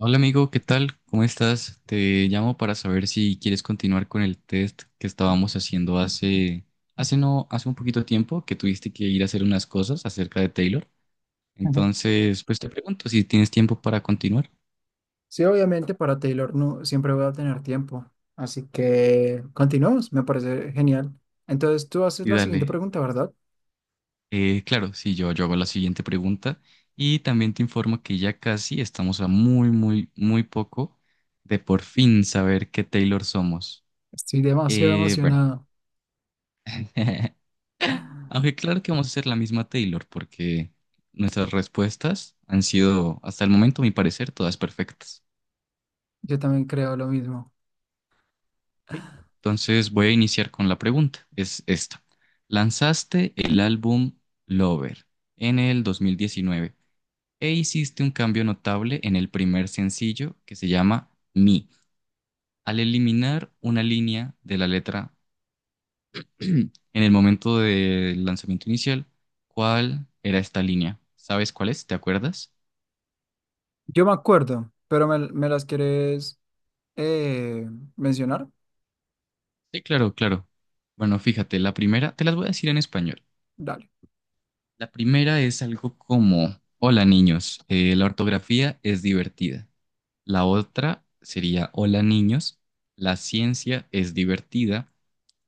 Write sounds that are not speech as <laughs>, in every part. Hola amigo, ¿qué tal? ¿Cómo estás? Te llamo para saber si quieres continuar con el test que estábamos haciendo hace no, hace un poquito tiempo que tuviste que ir a hacer unas cosas acerca de Taylor. Ujú. Entonces, pues te pregunto si tienes tiempo para continuar. Sí, obviamente para Taylor no siempre voy a tener tiempo, así que continuamos, me parece genial. Entonces tú haces Y la siguiente dale. pregunta, ¿verdad? Claro, sí, yo hago la siguiente pregunta y también te informo que ya casi estamos a muy, muy, muy poco de por fin saber qué Taylor somos. Estoy demasiado Bueno. emocionado. <laughs> Aunque claro que vamos a hacer la misma Taylor, porque nuestras respuestas han sido, hasta el momento, a mi parecer, todas perfectas. Yo también creo lo mismo. ¿Ok? Entonces voy a iniciar con la pregunta. Es esta. Lanzaste el álbum Lover en el 2019 e hiciste un cambio notable en el primer sencillo que se llama Me, al eliminar una línea de la letra <clears throat> en el momento del lanzamiento inicial. ¿Cuál era esta línea? ¿Sabes cuál es? ¿Te acuerdas? Yo me acuerdo, pero me las quieres eh, mencionar. Sí, claro, claro. Bueno, fíjate, la primera, te las voy a decir en español. Dale. La primera es algo como, hola niños, la ortografía es divertida. La otra sería, hola niños, la ciencia es divertida.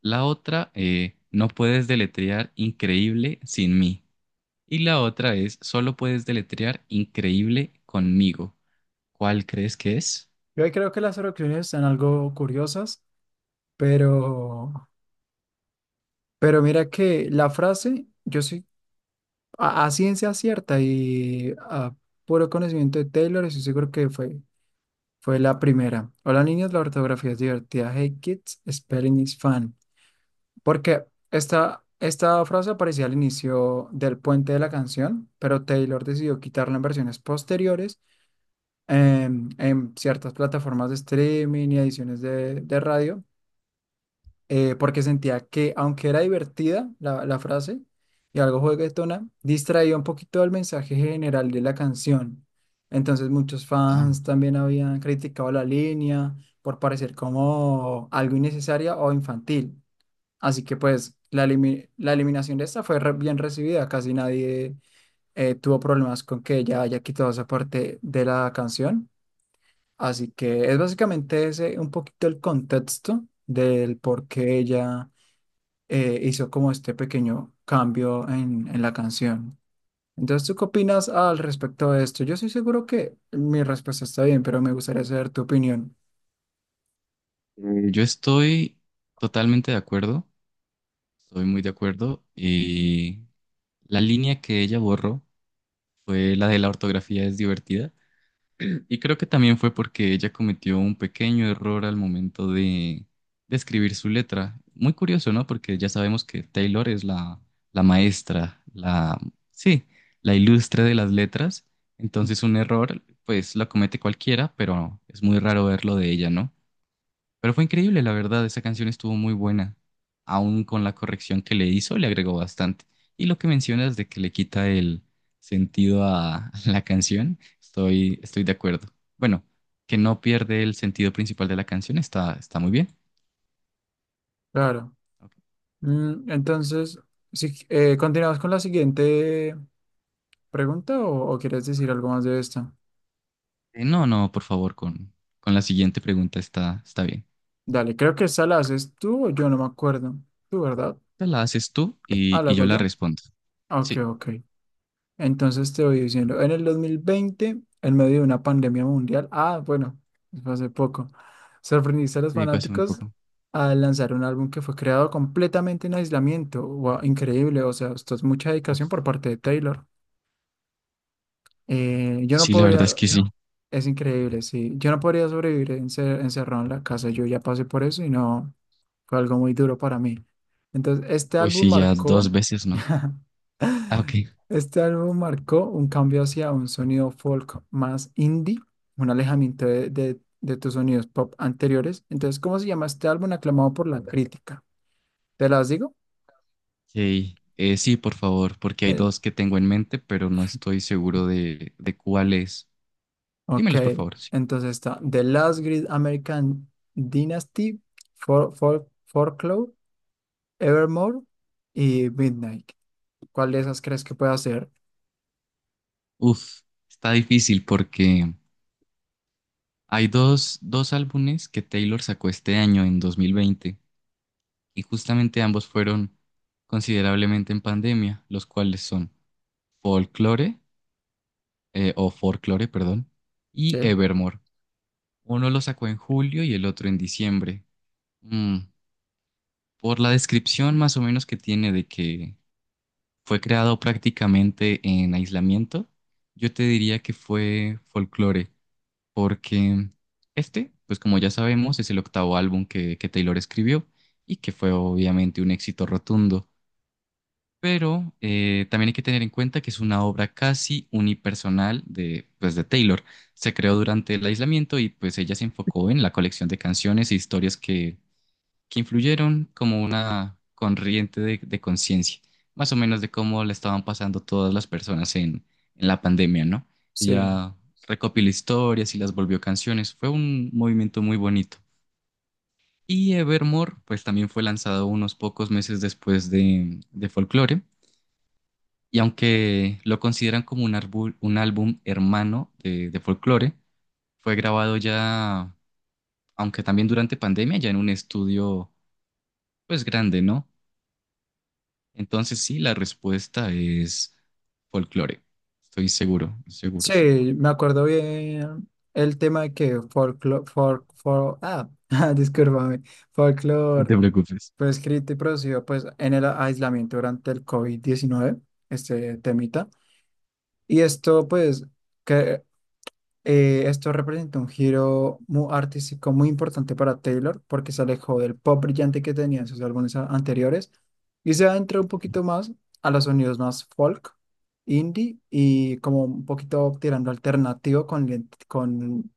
La otra, no puedes deletrear increíble sin mí. Y la otra es, solo puedes deletrear increíble conmigo. ¿Cuál crees que es? Yo ahí creo que las oraciones están algo curiosas, pero, mira que la frase, yo soy a ciencia cierta y a puro conocimiento de Taylor, estoy seguro que fue. Fue la primera. Hola niños, la ortografía es divertida. Hey kids, spelling is fun. Porque esta frase aparecía al inicio del puente de la canción, pero Taylor decidió quitarla en versiones posteriores, en ciertas plataformas de streaming y ediciones de radio, porque sentía que, aunque era divertida la frase y algo juguetona, distraía un poquito el mensaje general de la canción. Entonces muchos Wow. fans también habían criticado la línea por parecer como algo innecesaria o infantil. Así que pues la eliminación de esta fue bien recibida, casi nadie tuvo problemas con que ella haya quitado esa parte de la canción. Así que es básicamente ese un poquito el contexto del por qué ella hizo como este pequeño cambio en la canción. Entonces, ¿tú qué opinas al respecto de esto? Yo estoy seguro que mi respuesta está bien, pero me gustaría saber tu opinión. Yo estoy totalmente de acuerdo, estoy muy de acuerdo. Y la línea que ella borró fue la de la ortografía es divertida, y creo que también fue porque ella cometió un pequeño error al momento de escribir su letra. Muy curioso, ¿no? Porque ya sabemos que Taylor es la maestra, la, sí, la ilustre de las letras. Entonces un error, pues lo comete cualquiera, pero es muy raro verlo de ella, ¿no? Pero fue increíble, la verdad, esa canción estuvo muy buena. Aún con la corrección que le hizo, le agregó bastante. Y lo que mencionas de que le quita el sentido a <laughs> la canción, estoy de acuerdo. Bueno, que no pierde el sentido principal de la canción, está muy bien. Claro. Ok. Entonces, si, ¿continuamos con la siguiente pregunta o quieres decir algo más de esta? No, no, por favor, con la siguiente pregunta está bien. Dale, creo que esa la haces tú o yo no me acuerdo. ¿Tú, verdad? Esta la haces tú Ah, y, la y hago yo la yo. respondo. Ok, Sí, ok. Entonces te voy diciendo, en el 2020, en medio de una pandemia mundial, ah, bueno, fue hace poco, sorprendiste a los te digo hace muy fanáticos poco. al lanzar un álbum que fue creado completamente en aislamiento. Wow, increíble, o sea, esto es mucha Uf. dedicación por parte de Taylor. Yo no Sí, la verdad es podría, que sí. es increíble, sí, yo no podría sobrevivir encerrado en la casa, yo ya pasé por eso y no, fue algo muy duro para mí. Entonces, este Uy, álbum sí, ya marcó dos veces, ¿no? Ah, ok. Este álbum marcó un cambio hacia un sonido folk más indie, un alejamiento de tus sonidos pop anteriores. Entonces, ¿cómo se llama este álbum aclamado por la crítica? ¿Te las digo? Ok, sí, por favor, porque hay Eh, dos que tengo en mente, pero no estoy seguro de cuál es. ok, Dímelos, por favor. Sí. entonces está The Last Great American Dynasty, Folklore, Evermore y Midnight. ¿Cuál de esas crees que pueda ser? Uf, está difícil porque hay dos álbumes que Taylor sacó este año, en dos mil veinte, y justamente ambos fueron considerablemente en pandemia, los cuales son Folklore, o Folklore, perdón, Sí, y Evermore. Uno lo sacó en julio y el otro en diciembre. Mm, por la descripción más o menos que tiene de que fue creado prácticamente en aislamiento, yo te diría que fue folclore, porque este, pues como ya sabemos, es el octavo álbum que Taylor escribió y que fue obviamente un éxito rotundo. Pero también hay que tener en cuenta que es una obra casi unipersonal de, pues, de Taylor. Se creó durante el aislamiento y pues ella se enfocó en la colección de canciones e historias que influyeron como una corriente de, conciencia, más o menos de cómo le estaban pasando todas las personas en, la pandemia, ¿no? sí. Ella recopiló historias y las volvió canciones. Fue un movimiento muy bonito. Y Evermore, pues también fue lanzado unos pocos meses después de, de, Folklore. Y aunque lo consideran como un álbum hermano de Folklore, fue grabado ya, aunque también durante pandemia, ya en un estudio pues grande, ¿no? Entonces sí, la respuesta es folclore. Estoy seguro, seguro, seguro. Sí, me acuerdo bien el tema de que folklore, <laughs> discúlpame, No folklore te preocupes. fue escrito y producido pues en el aislamiento durante el COVID-19, este temita. Y esto pues que esto representó un giro muy artístico muy importante para Taylor porque se alejó del pop brillante que tenía en sus álbumes anteriores y se adentró un Ok. poquito más a los sonidos más folk, indie y como un poquito tirando alternativo con, con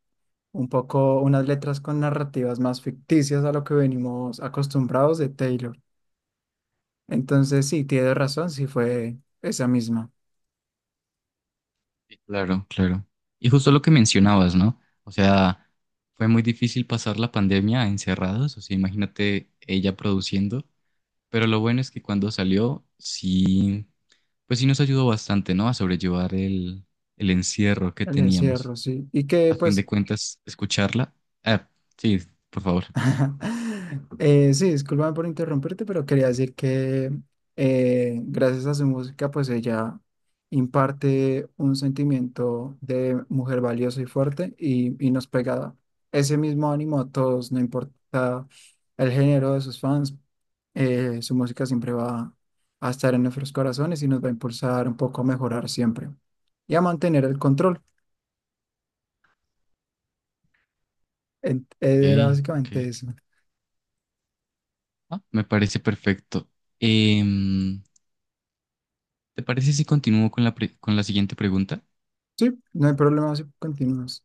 un poco unas letras con narrativas más ficticias a lo que venimos acostumbrados de Taylor. Entonces sí, tiene razón, sí fue esa misma, Sí, claro, claro. Y justo lo que mencionabas, ¿no? O sea, fue muy difícil pasar la pandemia encerrados, o sea, imagínate ella produciendo, pero lo bueno es que cuando salió, sí, pues sí nos ayudó bastante, ¿no? A sobrellevar el, encierro que el teníamos. encierro, sí. Y que A fin de pues. cuentas, escucharla. Ah, sí, por favor. <laughs> Sí, discúlpame por interrumpirte, pero quería decir que gracias a su música, pues ella imparte un sentimiento de mujer valiosa y fuerte y nos pega ese mismo ánimo a todos, no importa el género de sus fans, su música siempre va a estar en nuestros corazones y nos va a impulsar un poco a mejorar siempre y a mantener el control. Era Ok, básicamente ok. eso. Ah, me parece perfecto. Em, ¿Te parece si continúo con con la siguiente pregunta? Sí, no hay problema si continúas.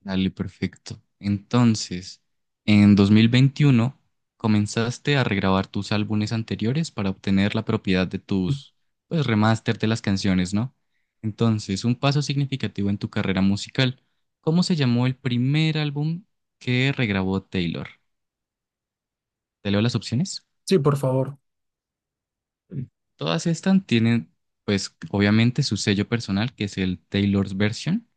Dale, perfecto. Entonces, en 2021 comenzaste a regrabar tus álbumes anteriores para obtener la propiedad de tus, pues, remaster de las canciones, ¿no? Entonces, un paso significativo en tu carrera musical. ¿Cómo se llamó el primer álbum que regrabó Taylor? ¿Te leo las opciones? Sí, por favor. Todas estas tienen, pues, obviamente su sello personal, que es el Taylor's Version.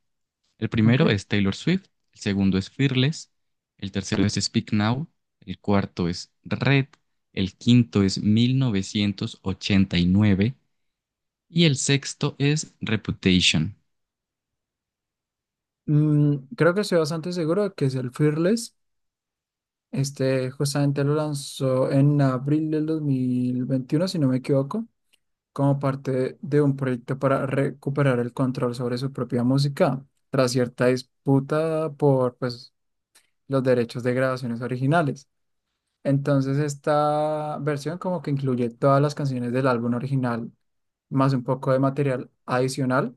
El Ok. primero es Taylor Swift, el segundo es Fearless, el tercero es Speak Now, el cuarto es Red, el quinto es 1989 y nueve, y el sexto es Reputation. Creo que estoy bastante seguro de que es el Fearless. Este justamente lo lanzó en abril del 2021, si no me equivoco, como parte de un proyecto para recuperar el control sobre su propia música, tras cierta disputa por pues, los derechos de grabaciones originales. Entonces, esta versión como que incluye todas las canciones del álbum original, más un poco de material adicional,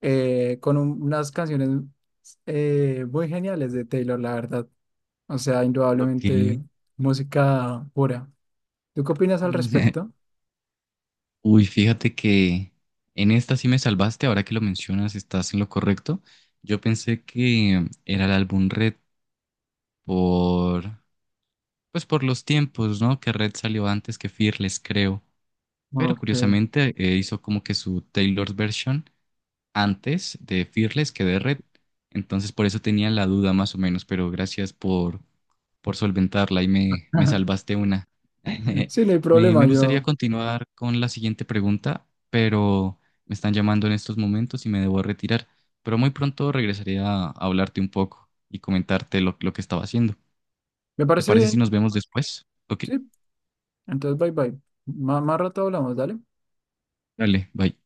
con unas canciones muy geniales de Taylor, la verdad. O sea, indudablemente música pura. ¿Tú qué opinas al respecto? <laughs> Uy, fíjate que en esta sí me salvaste, ahora que lo mencionas, estás en lo correcto. Yo pensé que era el álbum Red por. Pues por los tiempos, ¿no? Que Red salió antes que Fearless, creo. Pero Ok. curiosamente hizo como que su Taylor's version antes de Fearless que de Red. Entonces por eso tenía la duda más o menos, pero gracias por solventarla y me <laughs> salvaste una. <laughs> Sí, no hay Me, problema, me gustaría yo. continuar con la siguiente pregunta, pero me están llamando en estos momentos y me debo retirar. Pero muy pronto regresaré a hablarte un poco y comentarte lo que estaba haciendo. Me ¿Te parece parece si bien. nos vemos después? Ok. Sí, entonces bye bye. Más rato hablamos, dale. Dale, bye.